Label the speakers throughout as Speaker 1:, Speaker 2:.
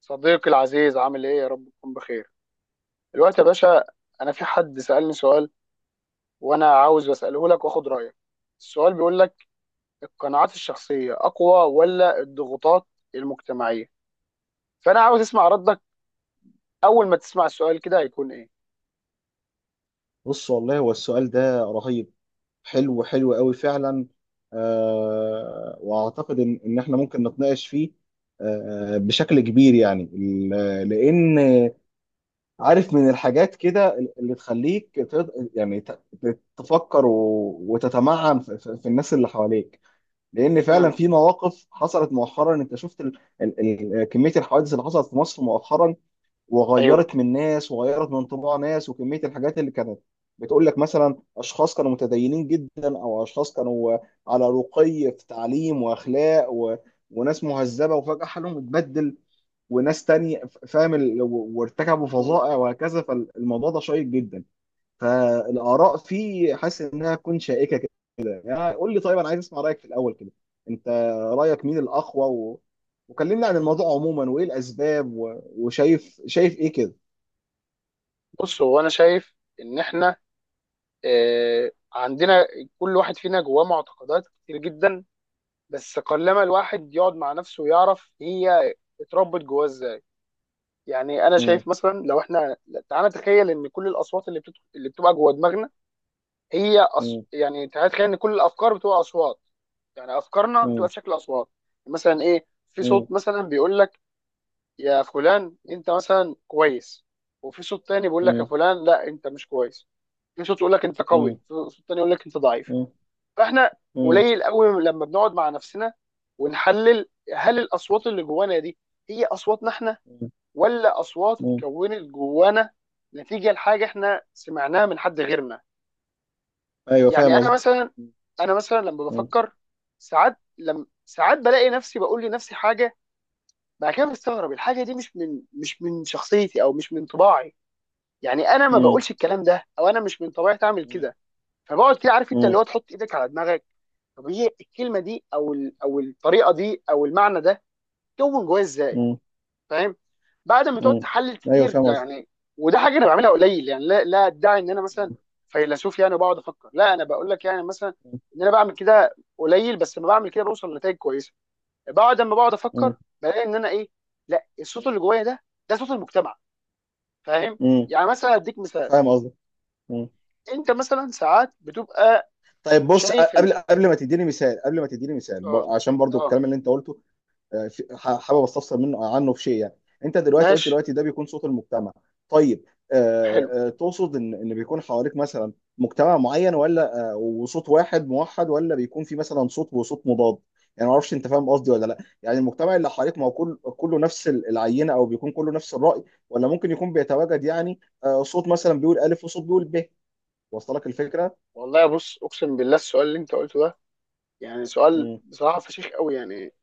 Speaker 1: صديقي العزيز، عامل ايه؟ يا رب تكون بخير. دلوقتي يا باشا، انا في حد سألني سؤال، وانا عاوز اساله لك واخد رايك. السؤال بيقول لك: القناعات الشخصيه اقوى ولا الضغوطات المجتمعيه؟ فانا عاوز اسمع ردك. اول ما تسمع السؤال كده هيكون ايه؟
Speaker 2: بص، والله هو السؤال ده رهيب. حلو حلو قوي فعلا. واعتقد ان احنا ممكن نتناقش فيه بشكل كبير، يعني لان، عارف، من الحاجات كده اللي تخليك تفكر وتتمعن في الناس اللي حواليك، لان فعلا
Speaker 1: امم
Speaker 2: في مواقف حصلت مؤخرا. انت شفت كمية الحوادث اللي حصلت في مصر مؤخرا،
Speaker 1: ايوه.
Speaker 2: وغيرت من ناس، وغيرت من طباع ناس، وكميه الحاجات اللي كانت بتقول لك مثلا اشخاص كانوا متدينين جدا، او اشخاص كانوا على رقي في تعليم واخلاق، وناس مهذبه، وفجاه حالهم اتبدل. وناس تانية وارتكبوا
Speaker 1: مم.
Speaker 2: فظائع وهكذا. فالموضوع ده شيق جدا، فالاراء فيه حاسس انها تكون شائكه كده. يعني قول لي، طيب انا عايز اسمع رايك في الاول كده. انت، رايك مين الاقوى، وكلمنا عن الموضوع عموما وايه الاسباب، وشايف شايف ايه كده؟
Speaker 1: بص، هو انا شايف ان احنا عندنا، كل واحد فينا جواه معتقدات كتير جدا، بس قلما الواحد يقعد مع نفسه ويعرف هي اتربت جواه ازاي. يعني انا
Speaker 2: مم.
Speaker 1: شايف مثلا لو احنا تعالى نتخيل ان كل الاصوات اللي اللي بتبقى جوه دماغنا،
Speaker 2: مم.
Speaker 1: يعني تعالى نتخيل ان كل الافكار بتبقى اصوات. يعني افكارنا بتبقى
Speaker 2: مم.
Speaker 1: بشكل اصوات. مثلا ايه، في
Speaker 2: مم.
Speaker 1: صوت مثلا بيقول لك: يا فلان، انت مثلا كويس. وفي صوت تاني بيقول لك: يا
Speaker 2: مم.
Speaker 1: فلان، لا، انت مش كويس. في صوت يقول لك انت قوي، في صوت تاني يقول لك انت ضعيف.
Speaker 2: مم.
Speaker 1: فاحنا
Speaker 2: مم.
Speaker 1: قليل قوي لما بنقعد مع نفسنا ونحلل: هل الاصوات اللي جوانا دي هي اصواتنا احنا،
Speaker 2: مم.
Speaker 1: ولا اصوات
Speaker 2: مم.
Speaker 1: اتكونت جوانا نتيجه لحاجه احنا سمعناها من حد غيرنا.
Speaker 2: ايوه، فاهم
Speaker 1: يعني انا
Speaker 2: قصدي.
Speaker 1: مثلا، انا مثلا لما
Speaker 2: مم.
Speaker 1: بفكر ساعات لم ساعات بلاقي نفسي بقول لنفسي حاجه، بعد كده بستغرب الحاجه دي، مش من شخصيتي او مش من طباعي. يعني انا ما
Speaker 2: مم.
Speaker 1: بقولش الكلام ده، او انا مش من طبيعتي اعمل
Speaker 2: مم.
Speaker 1: كده. فبقعد كده، عارف انت اللي هو
Speaker 2: مم.
Speaker 1: تحط ايدك على دماغك، طب هي الكلمه دي او الطريقه دي او المعنى ده كون جوايا ازاي؟
Speaker 2: مم.
Speaker 1: فاهم، بعد ما تقعد
Speaker 2: مم.
Speaker 1: تحلل
Speaker 2: ايوه،
Speaker 1: كتير،
Speaker 2: فاهم
Speaker 1: لا
Speaker 2: قصدي.
Speaker 1: يعني. وده حاجه انا بعملها قليل، يعني لا لا ادعي ان انا مثلا
Speaker 2: مم.
Speaker 1: فيلسوف يعني، بقعد افكر. لا، انا بقول لك يعني مثلا ان انا بعمل كده قليل، بس لما بعمل كده بوصل لنتائج كويسه. بعد ما بقعد افكر
Speaker 2: مم.
Speaker 1: بلاقي ان انا ايه، لا، الصوت اللي جوايا ده، ده صوت المجتمع. فاهم؟
Speaker 2: مم.
Speaker 1: يعني مثلا اديك مثال.
Speaker 2: فاهم قصدي. مم.
Speaker 1: انت مثلا ساعات بتبقى
Speaker 2: طيب، بص
Speaker 1: شايف ان
Speaker 2: قبل ما تديني مثال
Speaker 1: اه
Speaker 2: عشان برضو
Speaker 1: اه
Speaker 2: الكلام اللي انت قلته، حابب استفسر منه عنه في شيء، يعني انت دلوقتي قلت
Speaker 1: ماشي.
Speaker 2: دلوقتي ده بيكون صوت المجتمع. طيب،
Speaker 1: حلو.
Speaker 2: تقصد ان بيكون حواليك مثلا مجتمع معين، ولا وصوت واحد موحد، ولا بيكون في مثلا صوت وصوت مضاد؟ يعني ما اعرفش، انت فاهم قصدي ولا لا؟ يعني المجتمع اللي حواليك ما هو كله نفس العينه، او بيكون كله نفس الراي، ولا ممكن يكون بيتواجد، يعني صوت مثلا بيقول الف وصوت بيقول ب. وصل لك الفكره؟
Speaker 1: والله بص، اقسم بالله السؤال اللي انت قلته ده يعني سؤال
Speaker 2: مم.
Speaker 1: بصراحه فشيخ قوي يعني.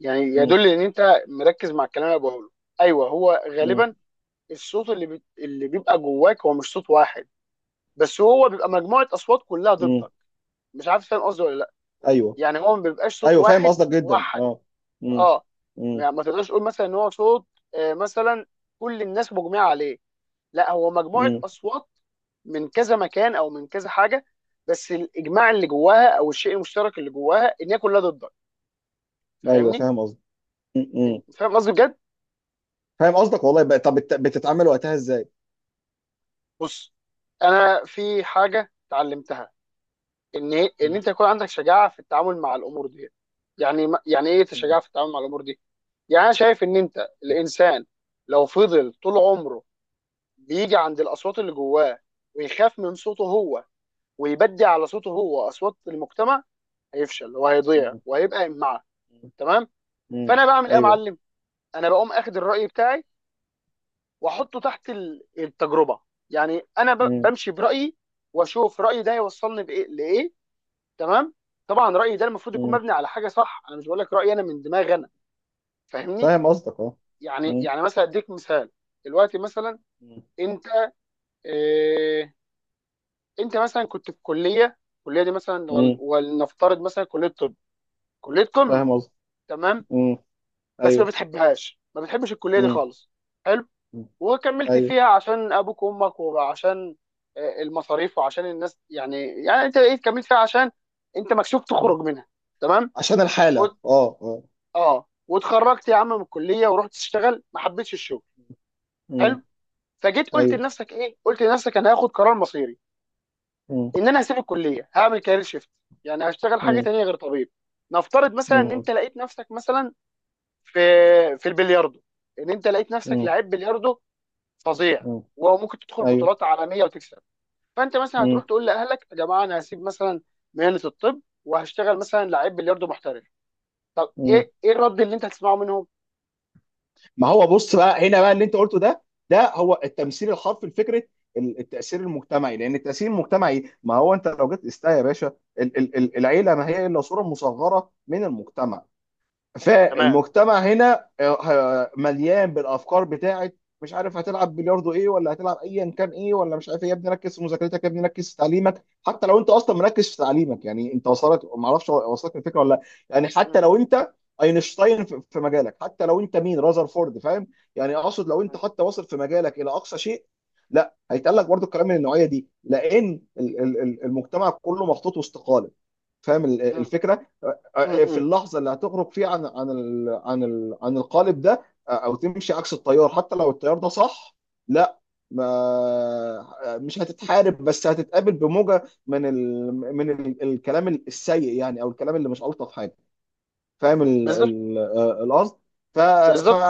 Speaker 1: يعني
Speaker 2: مم.
Speaker 1: يدل ان انت مركز مع الكلام اللي أنا بقوله. ايوه، هو
Speaker 2: مم.
Speaker 1: غالبا الصوت اللي اللي بيبقى جواك هو مش صوت واحد، بس هو بيبقى مجموعه اصوات كلها
Speaker 2: مم.
Speaker 1: ضدك. مش عارف فاهم قصدي ولا لا،
Speaker 2: ايوه،
Speaker 1: يعني هو ما بيبقاش صوت
Speaker 2: ايوه فاهم
Speaker 1: واحد
Speaker 2: قصدك جدا،
Speaker 1: واحد.
Speaker 2: اه. مم.
Speaker 1: اه.
Speaker 2: مم.
Speaker 1: ما تقدرش تقول مثلا ان هو صوت مثلا كل الناس مجمعه عليه. لا، هو مجموعه
Speaker 2: مم.
Speaker 1: اصوات من كذا مكان او من كذا حاجه، بس الاجماع اللي جواها او الشيء المشترك اللي جواها ان هي كلها ضدك.
Speaker 2: ايوه،
Speaker 1: فاهمني؟
Speaker 2: فاهم قصدك. م- م.
Speaker 1: فاهم قصدي بجد؟
Speaker 2: فاهم قصدك، والله. بقى طب بتتعامل وقتها ازاي؟
Speaker 1: بص، انا في حاجه اتعلمتها، ان
Speaker 2: م-
Speaker 1: انت يكون عندك شجاعه في التعامل مع الامور دي. يعني ايه
Speaker 2: م-
Speaker 1: شجاعه في التعامل مع الامور دي؟ يعني انا شايف ان انت الانسان لو فضل طول عمره بيجي عند الاصوات اللي جواه، ويخاف من صوته هو، ويبدي على صوته هو اصوات المجتمع، هيفشل وهيضيع
Speaker 2: م-
Speaker 1: وهيبقى إمعة.
Speaker 2: م-
Speaker 1: تمام؟
Speaker 2: م.
Speaker 1: فانا بعمل ايه يا
Speaker 2: ايوه.
Speaker 1: معلم؟ انا بقوم اخد الراي بتاعي واحطه تحت التجربه. يعني انا
Speaker 2: م-
Speaker 1: بمشي برايي واشوف رايي ده يوصلني بايه لايه. تمام؟ طبعا رايي ده المفروض يكون
Speaker 2: م.
Speaker 1: مبني على حاجه صح، انا مش بقول لك رايي انا من دماغي انا. فاهمني؟
Speaker 2: فاهم قصدك، اه.
Speaker 1: يعني
Speaker 2: م-
Speaker 1: يعني مثلا اديك مثال. دلوقتي مثلا
Speaker 2: م-
Speaker 1: انت إيه انت مثلا كنت في كليه، الكليه دي مثلا
Speaker 2: م.
Speaker 1: ولنفترض مثلا كليه طب، كليه قمه.
Speaker 2: فاهم قصدك.
Speaker 1: تمام؟
Speaker 2: م.
Speaker 1: بس ما
Speaker 2: ايوه.
Speaker 1: بتحبهاش، ما بتحبش الكليه دي
Speaker 2: م-
Speaker 1: خالص. حلو.
Speaker 2: م.
Speaker 1: وكملت
Speaker 2: ايوه.
Speaker 1: فيها عشان ابوك وامك وعشان المصاريف وعشان الناس يعني. يعني انت ايه، كملت فيها عشان انت مكسوف
Speaker 2: م.
Speaker 1: تخرج منها. تمام؟
Speaker 2: عشان الحالة، اه، اه.
Speaker 1: اه، واتخرجت يا عم من الكليه ورحت اشتغل، ما حبيتش الشغل.
Speaker 2: م.
Speaker 1: حلو. فجيت قلت
Speaker 2: ايوه.
Speaker 1: لنفسك ايه؟ قلت لنفسك: انا هاخد قرار مصيري،
Speaker 2: م-
Speaker 1: ان انا هسيب الكليه هعمل كارير شيفت. يعني هشتغل حاجه
Speaker 2: م.
Speaker 1: تانية غير طبيب. نفترض مثلا ان
Speaker 2: م.
Speaker 1: انت لقيت نفسك مثلا في في البلياردو، ان انت لقيت نفسك
Speaker 2: م.
Speaker 1: لعيب بلياردو فظيع،
Speaker 2: م.
Speaker 1: وممكن تدخل
Speaker 2: ايوه.
Speaker 1: بطولات عالميه وتكسب. فانت مثلا
Speaker 2: م.
Speaker 1: هتروح تقول لاهلك: يا جماعه، انا هسيب مثلا مهنه الطب وهشتغل مثلا لعيب بلياردو محترف. طب
Speaker 2: م.
Speaker 1: ايه الرد اللي انت هتسمعه منهم؟
Speaker 2: ما هو بص بقى، هنا بقى اللي انت قلته ده، ده هو التمثيل الحرفي لفكره التاثير المجتمعي. لان التاثير المجتمعي ما هو، انت لو جيت استا يا باشا، العيله ما هي الا صوره مصغره من المجتمع.
Speaker 1: تمام.
Speaker 2: فالمجتمع هنا مليان بالافكار بتاعت مش عارف هتلعب بلياردو ايه، ولا هتلعب ايا كان ايه، ولا مش عارف ايه. يا ابني ركز في مذاكرتك، يا ابني ركز في تعليمك، حتى لو انت اصلا مركز في تعليمك. يعني انت وصلت، ما اعرفش وصلت الفكره ولا لا؟ يعني حتى لو انت اينشتاين في مجالك، حتى لو انت مين، رازرفورد، فاهم؟ يعني اقصد لو انت حتى واصل في مجالك الى اقصى شيء، لا، هيتقال لك برضو الكلام من النوعيه دي، لان المجتمع كله محطوط وسط قالب. فاهم
Speaker 1: مم.
Speaker 2: الفكره؟ في
Speaker 1: م.
Speaker 2: اللحظه اللي هتخرج فيها عن القالب ده، او تمشي عكس التيار حتى لو التيار ده صح، لا، ما آه، مش هتتحارب، بس هتتقابل بموجه من ال الكلام السيء، يعني او الكلام اللي مش الطف حاجه. فاهم
Speaker 1: بالظبط،
Speaker 2: القصد؟ ف ف
Speaker 1: بالظبط.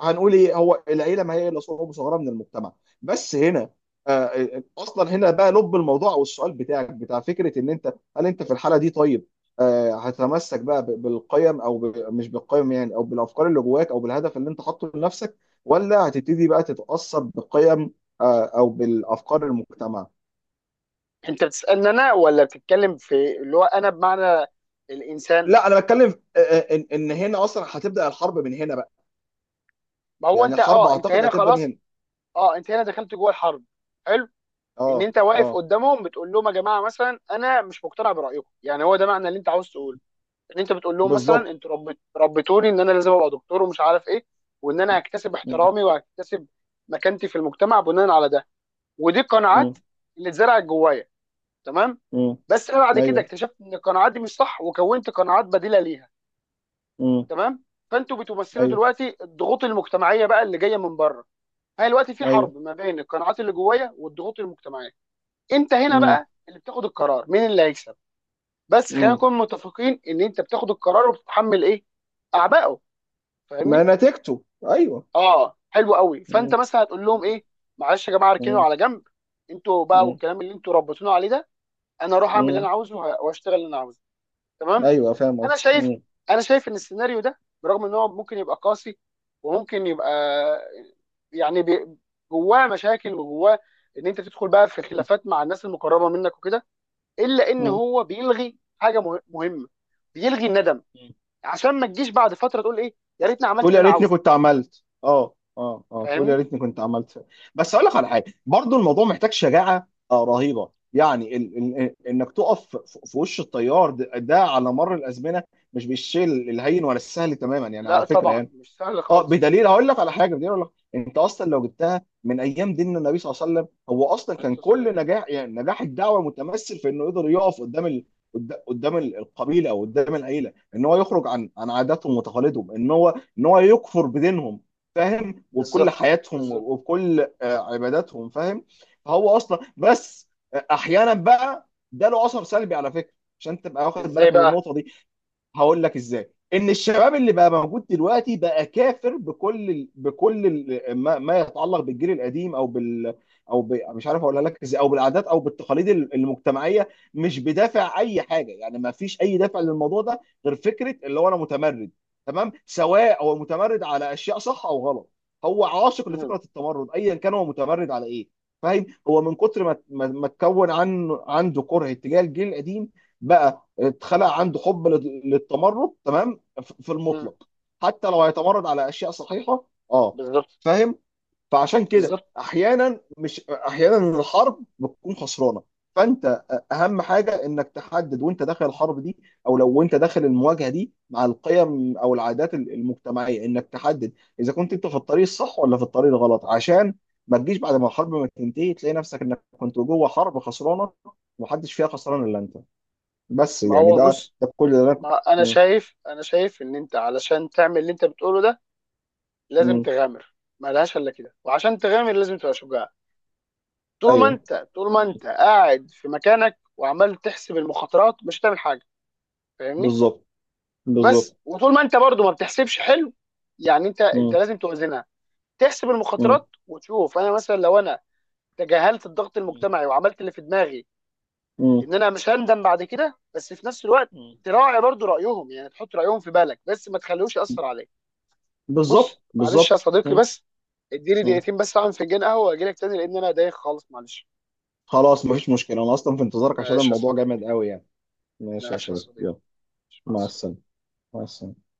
Speaker 2: هنقول ايه، هو العيله ما هي الا صعوبه صغيره من المجتمع. بس هنا، اصلا هنا بقى لب الموضوع، والسؤال بتاعك بتاع فكره ان انت هل انت في الحاله دي، طيب، هتتمسك بقى بالقيم، او مش بالقيم يعني، او بالافكار اللي جواك، او بالهدف اللي انت حاطه لنفسك، ولا هتبتدي بقى تتاثر بقيم، او بالافكار المجتمع؟
Speaker 1: انت بتسالني انا ولا بتتكلم في اللي هو انا بمعنى الانسان؟
Speaker 2: لا، انا بتكلم، ان هنا اصلا هتبدا الحرب من هنا بقى.
Speaker 1: ما هو
Speaker 2: يعني
Speaker 1: انت،
Speaker 2: الحرب
Speaker 1: اه، انت
Speaker 2: اعتقد
Speaker 1: هنا
Speaker 2: هتبدا من
Speaker 1: خلاص.
Speaker 2: هنا.
Speaker 1: اه، انت هنا دخلت جوه الحرب. حلو. ان
Speaker 2: اه،
Speaker 1: انت واقف
Speaker 2: اه.
Speaker 1: قدامهم بتقول لهم: يا جماعه مثلا، انا مش مقتنع برايكم. يعني هو ده معنى اللي انت عاوز
Speaker 2: مم.
Speaker 1: تقوله؟ ان انت بتقول لهم مثلا:
Speaker 2: بالظبط.
Speaker 1: انتوا ربتوني ان انا لازم ابقى دكتور ومش عارف ايه، وان انا هكتسب
Speaker 2: مم.
Speaker 1: احترامي وهكتسب مكانتي في المجتمع بناء على ده. ودي قناعات
Speaker 2: مم.
Speaker 1: اللي اتزرعت جوايا. تمام؟
Speaker 2: مم.
Speaker 1: بس انا بعد كده
Speaker 2: ايوه.
Speaker 1: اكتشفت ان القناعات دي مش صح، وكونت قناعات بديله ليها.
Speaker 2: مم.
Speaker 1: تمام. فانتوا بتمثلوا
Speaker 2: ايوه،
Speaker 1: دلوقتي الضغوط المجتمعيه بقى اللي جايه من بره. هي دلوقتي في
Speaker 2: ايوه.
Speaker 1: حرب ما بين القناعات اللي جوايا والضغوط المجتمعيه. انت هنا
Speaker 2: مم.
Speaker 1: بقى اللي بتاخد القرار، مين اللي هيكسب؟ بس خلينا
Speaker 2: مم.
Speaker 1: نكون متفقين ان انت بتاخد القرار وبتتحمل ايه؟ اعبائه.
Speaker 2: ما
Speaker 1: فاهمني؟
Speaker 2: نتيجته. ايوه.
Speaker 1: اه، حلو قوي. فانت
Speaker 2: مم.
Speaker 1: مثلا هتقول لهم ايه؟ معلش يا جماعه، اركنوا
Speaker 2: مم.
Speaker 1: على جنب، انتوا بقى
Speaker 2: مم.
Speaker 1: والكلام اللي انتوا ربيتونا عليه ده. انا اروح اعمل اللي انا
Speaker 2: مم.
Speaker 1: عاوزه واشتغل اللي انا عاوزه. تمام.
Speaker 2: ايوه، فاهم
Speaker 1: انا
Speaker 2: قصدي.
Speaker 1: شايف
Speaker 2: مم.
Speaker 1: انا شايف ان السيناريو ده، برغم ان هو ممكن يبقى قاسي وممكن يبقى، يعني جواه مشاكل وجواه ان انت تدخل بقى في خلافات مع الناس المقربه منك وكده، الا ان
Speaker 2: مم.
Speaker 1: هو بيلغي حاجه مهمه: بيلغي الندم. عشان ما تجيش بعد فتره تقول ايه، يا ريتني عملت
Speaker 2: تقول
Speaker 1: اللي
Speaker 2: يا
Speaker 1: انا
Speaker 2: ريتني
Speaker 1: عاوزه.
Speaker 2: كنت عملت، تقول يا
Speaker 1: فاهمني؟
Speaker 2: ريتني كنت عملت. بس اقول لك على حاجه، برضو الموضوع محتاج شجاعه رهيبه، يعني ال انك تقف في وش التيار ده، ده على مر الازمنه، مش بالشيء الهين ولا السهل تماما، يعني
Speaker 1: لا
Speaker 2: على فكره
Speaker 1: طبعا
Speaker 2: يعني.
Speaker 1: مش سهل
Speaker 2: اه،
Speaker 1: خالص.
Speaker 2: بدليل هقول لك على حاجه، بدليل اقول لك، انت اصلا لو جبتها من ايام دين النبي صلى الله عليه وسلم، هو اصلا
Speaker 1: عليه
Speaker 2: كان
Speaker 1: الصلاه والسلام.
Speaker 2: كل نجاح، يعني نجاح الدعوه، متمثل في انه يقدر يقف قدام قدام القبيله او قدام العيله، ان هو يخرج عن عاداتهم وتقاليدهم، ان هو يكفر بدينهم. فاهم؟ وبكل
Speaker 1: بالظبط،
Speaker 2: حياتهم
Speaker 1: بالظبط.
Speaker 2: وبكل عباداتهم، فاهم. فهو اصلا، بس احيانا بقى ده له اثر سلبي على فكره، عشان تبقى واخد
Speaker 1: ازاي
Speaker 2: بالك من
Speaker 1: بقى؟
Speaker 2: النقطه دي. هقول لك ازاي. ان الشباب اللي بقى موجود دلوقتي بقى كافر بكل ما يتعلق بالجيل القديم، او بال، او مش عارف اقولها لك ازاي، او بالعادات، او بالتقاليد المجتمعيه، مش بدافع اي حاجه، يعني ما فيش اي دافع للموضوع ده غير فكره اللي هو، انا متمرد. تمام، سواء هو متمرد على اشياء صح او غلط، هو عاشق
Speaker 1: مم.
Speaker 2: لفكره التمرد ايا كان هو متمرد على ايه. فاهم، هو من كتر ما اتكون عنه، عنده كره اتجاه الجيل القديم بقى، اتخلق عنده حب للتمرد، تمام، في
Speaker 1: مم.
Speaker 2: المطلق، حتى لو هيتمرد على اشياء صحيحه، اه.
Speaker 1: بالظبط،
Speaker 2: فاهم. فعشان كده
Speaker 1: بالظبط.
Speaker 2: احيانا، مش احيانا، الحرب بتكون خسرانه. فانت، اهم حاجه انك تحدد وانت داخل الحرب دي، او لو وانت داخل المواجهه دي مع القيم او العادات المجتمعيه، انك تحدد اذا كنت انت في الطريق الصح ولا في الطريق الغلط، عشان ما تجيش بعد ما الحرب ما تنتهي تلاقي نفسك انك كنت جوه حرب خسرانه، ومحدش فيها خسران الا انت. بس
Speaker 1: ما
Speaker 2: يعني
Speaker 1: هو
Speaker 2: ده
Speaker 1: بص،
Speaker 2: ده كل اللي انا.
Speaker 1: ما انا
Speaker 2: مم.
Speaker 1: شايف انا شايف ان انت علشان تعمل اللي انت بتقوله ده لازم
Speaker 2: مم.
Speaker 1: تغامر، ملهاش الا كده، وعشان تغامر لازم تبقى شجاع. طول ما
Speaker 2: ايوه.
Speaker 1: انت طول ما
Speaker 2: مم.
Speaker 1: انت قاعد في مكانك وعمال تحسب المخاطرات، مش هتعمل حاجه. فاهمني؟
Speaker 2: بالظبط،
Speaker 1: بس
Speaker 2: بالظبط.
Speaker 1: وطول ما انت برضو ما بتحسبش، حلو. يعني انت، انت
Speaker 2: مم.
Speaker 1: لازم توازنها. تحسب
Speaker 2: مم.
Speaker 1: المخاطرات وتشوف، انا مثلا لو انا تجاهلت الضغط المجتمعي وعملت اللي في دماغي،
Speaker 2: مم.
Speaker 1: ان انا مش هندم بعد كده، بس في نفس الوقت
Speaker 2: مم.
Speaker 1: تراعي برضو رايهم. يعني تحط رايهم في بالك بس ما تخليهوش ياثر عليك.
Speaker 2: بالظبط،
Speaker 1: بص معلش يا
Speaker 2: بالظبط.
Speaker 1: صديقي،
Speaker 2: مم.
Speaker 1: بس اديني
Speaker 2: مم.
Speaker 1: دقيقتين بس اعمل فنجان قهوه واجي لك تاني، لان انا دايخ خالص، معلش.
Speaker 2: خلاص، مفيش مشكلة، انا اصلا في انتظارك عشان
Speaker 1: ماشي يا
Speaker 2: الموضوع
Speaker 1: صديقي.
Speaker 2: جامد قوي، يعني. ماشي يا
Speaker 1: ماشي يا
Speaker 2: صديقي،
Speaker 1: صديقي.
Speaker 2: يلا.
Speaker 1: مع
Speaker 2: مع
Speaker 1: السلامه.
Speaker 2: السلامة. مع السلامة.